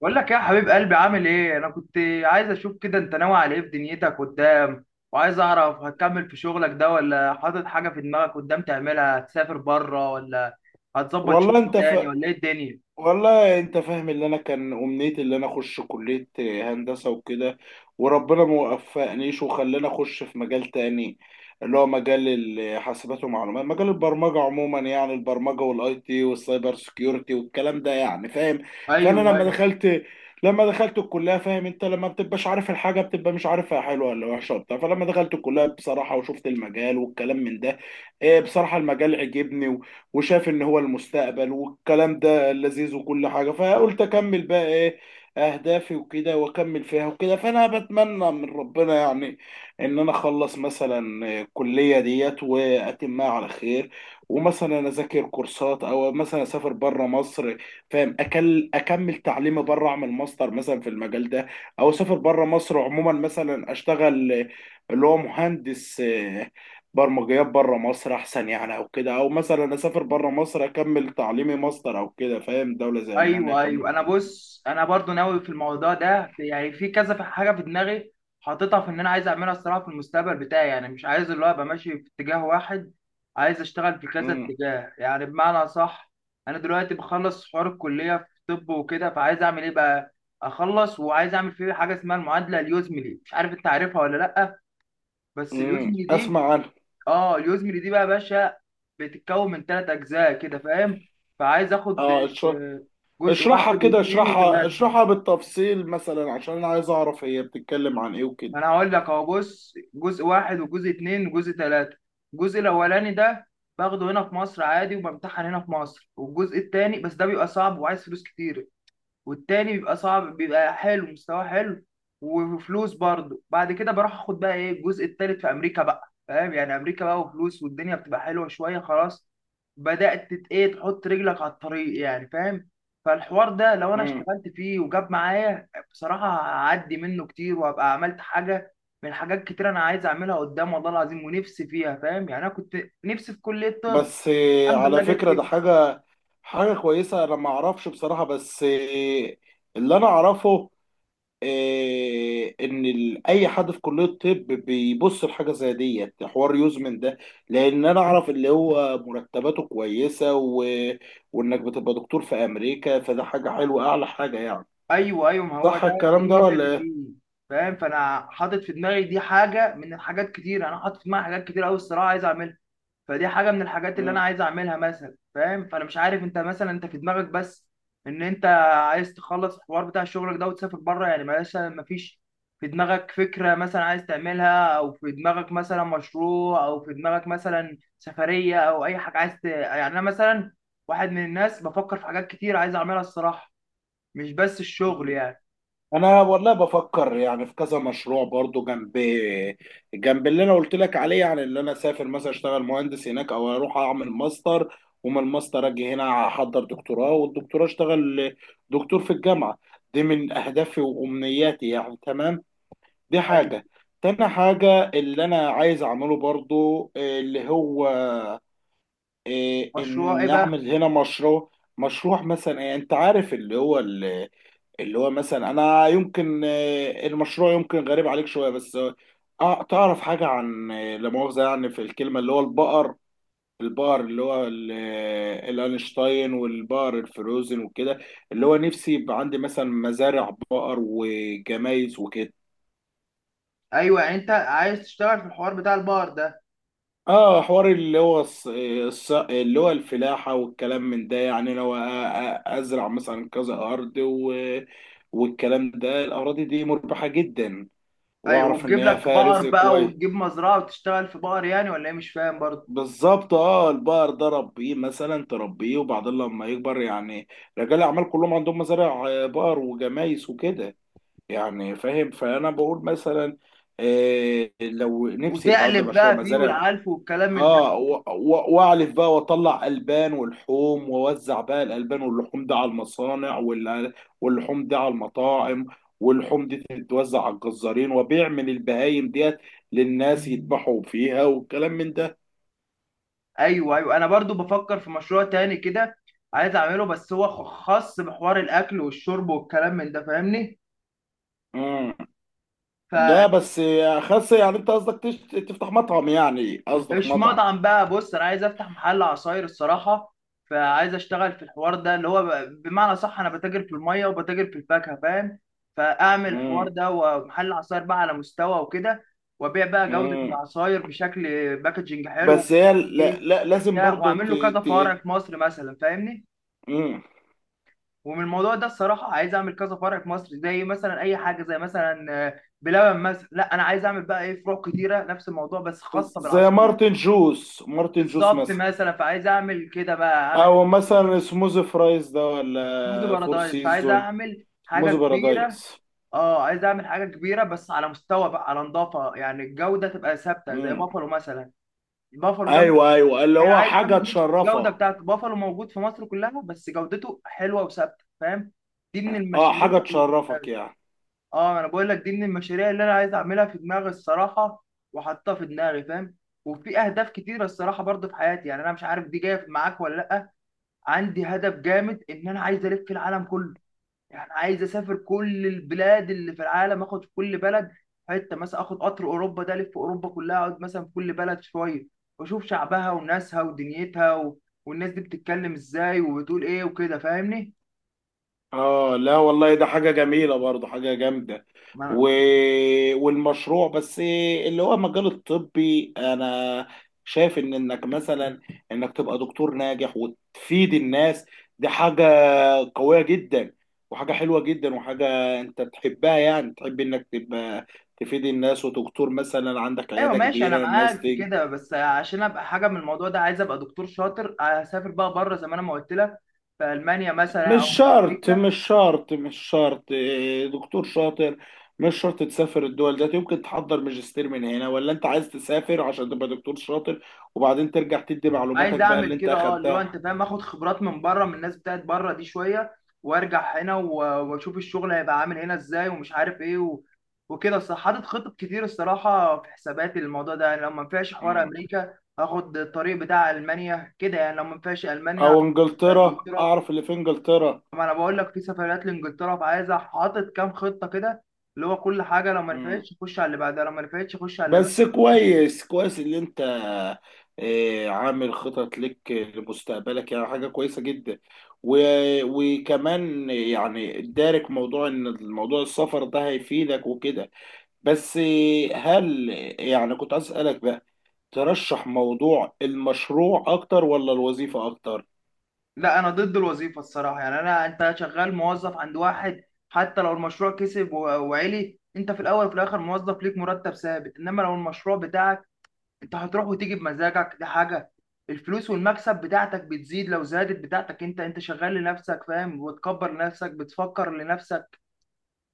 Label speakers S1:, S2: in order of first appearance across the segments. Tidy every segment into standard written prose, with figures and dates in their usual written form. S1: بقول لك إيه يا حبيب قلبي، عامل ايه؟ انا كنت عايز اشوف كده انت ناوي على ايه في دنيتك قدام، وعايز اعرف هتكمل في شغلك ده ولا حاطط حاجه في دماغك قدام تعملها؟ هتسافر بره ولا هتظبط شغل
S2: والله انت
S1: تاني
S2: في
S1: ولا ايه الدنيا؟
S2: والله انت فاهم اللي انا كان امنيتي، اللي انا اخش كلية هندسة وكده. وربنا ما وفقنيش وخلاني اخش في مجال تاني، اللي هو مجال الحاسبات ومعلومات، مجال البرمجة عموما، يعني البرمجة والاي تي والسايبر سكيورتي والكلام ده، يعني فاهم. فانا
S1: ايوه،
S2: لما دخلت الكلية، فاهم انت لما بتبقاش عارف الحاجة بتبقى مش عارفها حلوة ولا وحشة وبتاع. فلما دخلت الكلية بصراحة وشفت المجال والكلام من ده، ايه، بصراحة المجال عجبني وشايف ان هو المستقبل والكلام ده لذيذ وكل حاجه. فقلت اكمل بقى ايه اهدافي وكده، واكمل فيها وكده. فانا بتمنى من ربنا يعني ان انا اخلص مثلا الكليه ديت واتمها على خير، ومثلا اذاكر كورسات او مثلا اسافر بره مصر، فاهم، أكل اكمل تعليمي بره، اعمل ماستر مثلا في المجال ده، او اسافر بره مصر عموما مثلا اشتغل اللي هو مهندس برمجيات بره مصر احسن يعني، او كده، او مثلا اسافر بره مصر اكمل تعليمي ماستر او كده، فاهم، دولة زي المانيا
S1: ايوه،
S2: اكمل.
S1: ايوه، انا بص، انا برضو ناوي في الموضوع ده، يعني في كذا حاجه في دماغي حاططها، في ان انا عايز اعملها الصراحه في المستقبل بتاعي، يعني مش عايز اللي هو ابقى ماشي في اتجاه واحد، عايز اشتغل في كذا
S2: امم.
S1: اتجاه يعني بمعنى صح. انا دلوقتي بخلص حوار الكليه في طب وكده، فعايز اعمل ايه بقى؟ اخلص وعايز اعمل فيه حاجه اسمها المعادله اليوزملي، مش عارف انت عارفها ولا لا. بس اليوزملي دي،
S2: اسمع عنها.
S1: اه اليوزمري دي بقى يا باشا، بتتكون من ثلاث اجزاء كده فاهم، فعايز اخد
S2: اه،
S1: آه، جزء
S2: اشرحها
S1: واحد
S2: كده،
S1: واثنين
S2: اشرحها
S1: وثلاثه.
S2: اشرحها بالتفصيل مثلا عشان انا عايز اعرف هي بتتكلم عن ايه وكده.
S1: ما انا هقول لك اهو، بص جزء واحد وجزء اثنين وجزء ثلاثه. الجزء الاولاني ده باخده هنا في مصر عادي، وبمتحن هنا في مصر. والجزء الثاني بس ده بيبقى صعب وعايز فلوس كتير، والتاني بيبقى صعب، بيبقى حلو، مستواه حلو وفلوس برضه. بعد كده بروح اخد بقى ايه، الجزء التالت في امريكا بقى، فاهم يعني امريكا بقى وفلوس والدنيا بتبقى حلوه شويه، خلاص بدات ايه تحط رجلك على الطريق يعني فاهم. فالحوار ده لو انا
S2: امم.
S1: اشتغلت فيه وجاب معايا بصراحه، هعدي منه كتير وهبقى عملت حاجه من حاجات كتير انا عايز اعملها قدام، والله العظيم ونفسي فيها فاهم. يعني انا كنت نفسي في كليه طب،
S2: بس
S1: الحمد لله
S2: على
S1: جت
S2: فكرة
S1: فيها.
S2: ده حاجة كويسة. انا ما اعرفش بصراحة، بس اللي انا اعرفه ان اي حد في كليه الطب بيبص لحاجه زي ديت، حوار يوزمن ده، لان انا اعرف اللي هو مرتباته كويسه وانك بتبقى دكتور في امريكا، فده حاجه حلوه، اعلى حاجه يعني.
S1: ايوه ايوه، ما هو
S2: صح
S1: ده، دي
S2: الكلام ده
S1: الميزه اللي
S2: ولا إيه؟
S1: فيه فاهم. فانا حاطط في دماغي دي حاجه من الحاجات كتير، انا حاطط في دماغي حاجات كتير قوي الصراحه عايز اعملها. فدي حاجه من الحاجات اللي انا عايز اعملها مثلا فاهم. فانا مش عارف انت مثلا، انت في دماغك بس ان انت عايز تخلص الحوار بتاع شغلك ده وتسافر بره يعني؟ مثلا ما فيش في دماغك فكره مثلا عايز تعملها، او في دماغك مثلا مشروع، او في دماغك مثلا سفريه، او اي حاجه عايز ت... يعني انا مثلا واحد من الناس بفكر في حاجات كتير عايز اعملها الصراحه، مش بس الشغل
S2: مم.
S1: يعني.
S2: انا والله بفكر يعني في كذا مشروع برضو، جنب اللي انا قلت لك عليه، يعني اللي انا اسافر مثلا اشتغل مهندس هناك، او اروح اعمل ماستر، ومن الماستر اجي هنا احضر دكتوراه، والدكتوراه اشتغل دكتور في الجامعه. دي من اهدافي وامنياتي يعني، تمام. دي
S1: ايوه.
S2: حاجه. تاني حاجه اللي انا عايز اعمله برضو اللي هو
S1: مشروع ايه
S2: ان
S1: بقى؟
S2: اعمل هنا مشروع. مشروع مثلا، انت عارف اللي هو، مثلا انا يمكن، المشروع يمكن غريب عليك شويه، بس تعرف حاجه عن لا مؤاخذه يعني في الكلمه، اللي هو البقر، البقر اللي هو الانشتاين والبقر الفروزن وكده، اللي هو نفسي يبقى عندي مثلا مزارع بقر وجمايز وكده.
S1: ايوه يعني انت عايز تشتغل في الحوار بتاع البقر ده.
S2: اه، حوار اللي هو اللي هو الفلاحة والكلام من ده، يعني لو ازرع مثلا كذا ارض والكلام ده، الاراضي دي مربحة جدا،
S1: ايوه
S2: واعرف ان
S1: وتجيب
S2: هي
S1: لك
S2: فيها
S1: بقر
S2: رزق
S1: بقى
S2: كويس.
S1: وتجيب مزرعه وتشتغل في بقر يعني، ولا ايه مش فاهم برضه.
S2: بالظبط. اه، البقر ده ربيه مثلا تربيه، وبعدين لما يكبر يعني، رجال الاعمال كلهم عندهم مزارع بقر وجمايس وكده، يعني فاهم. فانا بقول مثلا لو نفسي يبقى عندي
S1: وتقلب
S2: مشروع
S1: بقى فيه
S2: مزارع.
S1: والعلف والكلام من ده.
S2: اه، واعلف بقى واطلع البان ولحوم، واوزع بقى الالبان واللحوم دي على المصانع، واللحوم دي على المطاعم، واللحوم دي تتوزع على الجزارين، وبيع من البهايم ديت للناس يذبحوا فيها والكلام من ده.
S1: ايوه ايوه، انا برضو بفكر في مشروع تاني كده عايز اعمله، بس هو خاص بحوار الاكل والشرب والكلام من ده فاهمني.
S2: امم ده بس يا خس، يعني انت قصدك تفتح مطعم، يعني قصدك
S1: مش
S2: مطعم.
S1: مطعم بقى، بص انا عايز افتح محل عصاير الصراحه، فعايز اشتغل في الحوار ده اللي هو بمعنى صح، انا بتاجر في الميه وبتاجر في الفاكهه فاهم. فاعمل الحوار
S2: امم.
S1: ده ومحل عصاير بقى على مستوى وكده، وابيع بقى جوده
S2: امم
S1: العصاير بشكل باكجنج حلو.
S2: بس هي لا
S1: ايه
S2: لا لازم
S1: بتاع،
S2: برضو
S1: واعمل له كذا
S2: ت...
S1: فرع في مصر مثلا فاهمني.
S2: امم.
S1: ومن الموضوع ده الصراحه عايز اعمل كذا فرع في مصر، زي مثلا اي حاجه، زي مثلا بلبن مثلا. لا انا عايز اعمل بقى ايه، فروع كتيره نفس الموضوع بس خاصه
S2: زي
S1: بالعصير.
S2: مارتن جوس
S1: بالظبط
S2: مثلا،
S1: مثلا، فعايز اعمل كده بقى، اعمل
S2: او
S1: حاجه
S2: مثلا سموز فرايز ده،
S1: موزي
S2: ولا فور
S1: بارادايس. فعايز
S2: سيزون،
S1: اعمل حاجه
S2: سموز
S1: كبيره،
S2: بارادايس.
S1: اه عايز اعمل حاجه كبيره بس على مستوى بقى، على نظافه، يعني الجوده تبقى ثابته زي
S2: مم.
S1: بافالو مثلا. بافالو ده مثلاً،
S2: ايوه، ايوه، اللي
S1: انا
S2: هو
S1: عايز
S2: حاجه
S1: اعمل نفس الجوده
S2: تشرفك.
S1: بتاعت بافالو موجود في مصر كلها، بس جودته حلوه وثابته فاهم. دي من
S2: اه،
S1: المشاريع
S2: حاجه
S1: اللي
S2: تشرفك
S1: بتبقى،
S2: يعني.
S1: اه انا بقول لك دي من المشاريع اللي انا عايز اعملها في دماغي الصراحه، وحاطها في دماغي فاهم. وفي اهداف كتيره الصراحه برضو في حياتي، يعني انا مش عارف دي جايه معاك ولا لا. عندي هدف جامد ان انا عايز الف العالم كله، يعني عايز اسافر كل البلاد اللي في العالم، اخد في كل بلد حته، مثلا اخد قطر اوروبا ده الف اوروبا كلها، اقعد مثلا في كل بلد شويه واشوف شعبها وناسها ودنيتها و... والناس دي بتتكلم ازاي وبتقول ايه وكده فاهمني.
S2: اه، لا والله ده حاجه جميله برضه، حاجه جامده.
S1: ما أنا...
S2: و... والمشروع بس اللي هو مجال الطبي، انا شايف ان انك تبقى دكتور ناجح وتفيد الناس، دي حاجه قوية جدا، وحاجة حلوة جدا، وحاجة انت تحبها، يعني تحب انك تبقى تفيد الناس، ودكتور مثلا عندك
S1: ايوه
S2: عيادة
S1: ماشي انا
S2: كبيرة الناس
S1: معاك في
S2: تيجي.
S1: كده، بس عشان ابقى حاجه من الموضوع ده عايز ابقى دكتور شاطر، اسافر بقى بره زي ما انا ما قلت لك، في المانيا مثلا او
S2: مش
S1: في
S2: شرط،
S1: امريكا.
S2: مش شرط، مش شرط، دكتور شاطر، مش شرط تسافر الدول ده، يمكن تحضر ماجستير من هنا، ولا انت عايز تسافر عشان تبقى دكتور شاطر، وبعدين ترجع تدي
S1: عايز
S2: معلوماتك بقى
S1: اعمل
S2: اللي انت
S1: كده اه، اللي هو
S2: اخدتها.
S1: انت فاهم، اخد خبرات من بره من الناس بتاعت بره دي شويه وارجع هنا واشوف الشغل هيبقى عامل هنا ازاي ومش عارف ايه و... وكده الصراحه، حاطط خطط كتير الصراحه في حساباتي للموضوع ده، يعني لو ما نفعش حوار
S2: مم.
S1: امريكا هاخد الطريق بتاع المانيا كده، يعني لو ما نفعش المانيا،
S2: او انجلترا،
S1: انجلترا.
S2: اعرف اللي في انجلترا.
S1: ما انا بقول لك في سفريات لانجلترا، فعايز حاطط كام خطه كده، اللي هو كل حاجه لو ما
S2: مم.
S1: نفعتش اخش على اللي بعدها، لو ما نفعتش اخش على اللي بعدها.
S2: بس كويس، كويس اللي انت عامل خطط لك لمستقبلك، يعني حاجة كويسة جدا. و... وكمان يعني دارك موضوع ان الموضوع السفر ده هيفيدك وكده. بس هل يعني كنت عايز اسألك بقى، ترشح موضوع المشروع اكتر ولا الوظيفة اكتر؟
S1: لا، انا ضد الوظيفه الصراحه، يعني انا، انت شغال موظف عند واحد، حتى لو المشروع كسب وعلي، انت في الاول وفي الاخر موظف ليك مرتب ثابت، انما لو المشروع بتاعك انت هتروح وتيجي بمزاجك دي حاجه، الفلوس والمكسب بتاعتك بتزيد، لو زادت بتاعتك انت، انت شغال لنفسك فاهم، وتكبر لنفسك، بتفكر لنفسك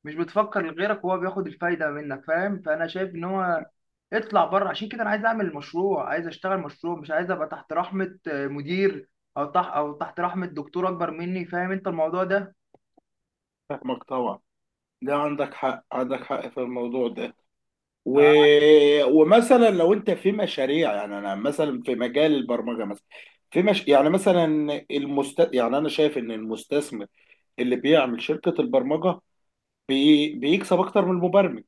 S1: مش بتفكر لغيرك وهو بياخد الفايده منك فاهم. فانا شايف ان هو اطلع بره، عشان كده انا عايز اعمل مشروع، عايز اشتغل مشروع، مش عايز ابقى تحت رحمه مدير، او تحت او تحت رحمه دكتور اكبر مني، فاهم انت الموضوع ده.
S2: فاهمك طبعا، ده عندك حق، عندك حق في الموضوع ده. و... ومثلا لو انت في مشاريع، يعني انا مثلا في مجال البرمجه مثلا، في مش... يعني مثلا المست... يعني انا شايف ان المستثمر اللي بيعمل شركه البرمجه بيكسب اكتر من المبرمج،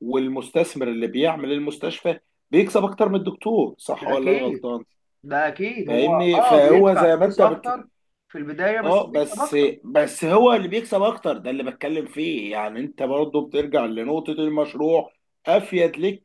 S2: والمستثمر اللي بيعمل المستشفى بيكسب اكتر من الدكتور، صح ولا انا
S1: فاكيد،
S2: غلطان؟
S1: ده اكيد هو
S2: فاهمني،
S1: اه
S2: فهو
S1: بيدفع
S2: زي ما
S1: فلوس
S2: انت
S1: اكتر في البدايه بس
S2: اه،
S1: بيكسب
S2: بس
S1: اكتر.
S2: بس هو اللي بيكسب اكتر ده اللي بتكلم فيه، يعني انت برضه بترجع لنقطة المشروع، افيد لك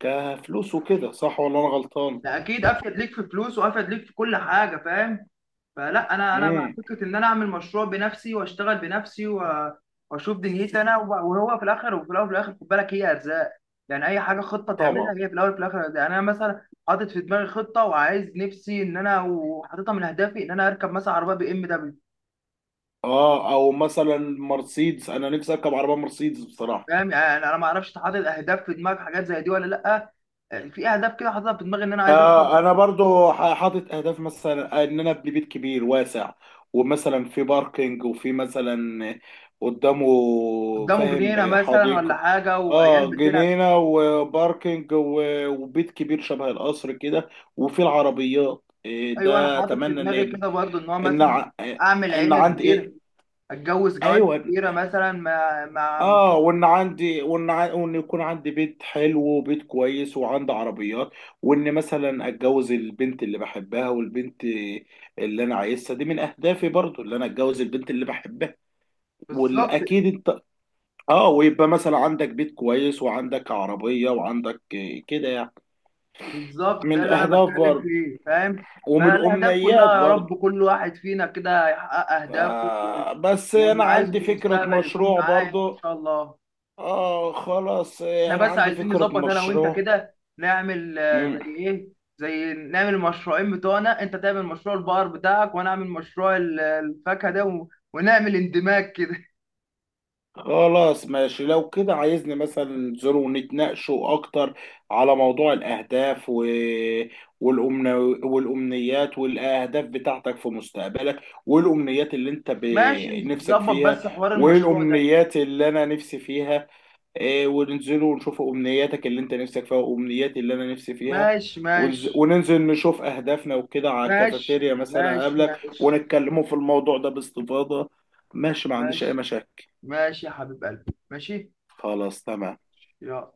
S2: كفلوس وكده، صح ولا انا غلطان؟
S1: ده اكيد افيد ليك في فلوس وافيد ليك في كل حاجه فاهم. فلا انا، انا مع
S2: امم.
S1: فكره ان انا اعمل مشروع بنفسي واشتغل بنفسي واشوف دنيتي انا وهو في الاخر، وفي الاول وفي الاخر خد بالك، هي ارزاق يعني، اي حاجه خطه
S2: طبعا.
S1: تعملها هي في الاول وفي الاخر ارزاق. يعني انا مثلا حاطط في دماغي خطه وعايز نفسي ان انا، وحاططها من اهدافي، ان انا اركب مثلا عربيه BMW.
S2: اه، او مثلا مرسيدس، انا نفسي اركب عربية مرسيدس بصراحة.
S1: فاهم يعني انا ما اعرفش، حاطط اهداف في دماغي حاجات زي دي ولا لا؟ في اهداف كده حاططها في دماغي، ان انا عايز اركب،
S2: انا برضو حاطط اهداف، مثلا ان انا ابني بيت كبير واسع، ومثلا في باركينج، وفي مثلا قدامه،
S1: قدامه جنينه
S2: فاهم،
S1: مثلا ولا
S2: حديقة،
S1: حاجه، وعيال
S2: اه،
S1: بتلعب.
S2: جنينة وباركينج وبيت كبير شبه القصر كده، وفي العربيات
S1: ايوه انا
S2: ده
S1: حاطط في
S2: اتمنى ان
S1: دماغي
S2: يبقى.
S1: كده برضو، ان هو
S2: ان
S1: مثلا
S2: ع-
S1: اعمل
S2: ان
S1: عيله
S2: عندي ايه،
S1: كبيره، اتجوز جوازه
S2: ايوه،
S1: كبيره مثلا مع.
S2: اه، وان يكون عندي بيت حلو وبيت كويس وعندي عربيات، وان مثلا اتجوز البنت اللي بحبها والبنت اللي انا عايزها، دي من اهدافي برضو، اللي انا اتجوز البنت اللي بحبها.
S1: بالظبط،
S2: والاكيد انت، اه، ويبقى مثلا عندك بيت كويس وعندك عربية وعندك، كده يعني،
S1: بالظبط،
S2: من
S1: ده اللي انا
S2: الاهداف
S1: بتكلم
S2: برضو
S1: فيه فاهم.
S2: ومن
S1: بقى الاهداف كلها
S2: الامنيات
S1: يا
S2: برضو.
S1: رب، كل واحد فينا كده يحقق اهدافه
S2: بس انا
S1: واللي عايزه
S2: عندي
S1: في
S2: فكرة
S1: المستقبل يكون
S2: مشروع
S1: معاه، يعني ان
S2: برضو.
S1: شاء الله.
S2: اه خلاص،
S1: احنا
S2: انا
S1: بس
S2: عندي
S1: عايزين
S2: فكرة
S1: نظبط انا وانت
S2: مشروع.
S1: كده، نعمل زي ايه، زي نعمل المشروعين بتوعنا، انت تعمل مشروع البقر بتاعك وانا اعمل مشروع الفاكهه ده ونعمل اندماج كده.
S2: خلاص، ماشي، لو كده عايزني مثلا ننزلوا ونتناقشوا اكتر على موضوع الاهداف والأمن... والامنيات والاهداف بتاعتك في مستقبلك، والامنيات اللي انت
S1: ماشي
S2: نفسك
S1: نظبط
S2: فيها،
S1: بس حوار المشروع ده.
S2: والامنيات اللي انا نفسي فيها، وننزلوا ونشوف امنياتك اللي انت نفسك فيها وامنياتي اللي انا نفسي فيها،
S1: ماشي، ماشي،
S2: وننزل نشوف اهدافنا وكده على
S1: ماشي،
S2: الكافيتيريا مثلا
S1: ماشي،
S2: قبلك،
S1: ماشي،
S2: ونتكلموا في الموضوع ده باستفاضة. ماشي، ما عنديش اي
S1: ماشي،
S2: مشاكل.
S1: ماشي يا حبيب قلبي، ماشي،
S2: خلاص، تمام.
S1: يلا.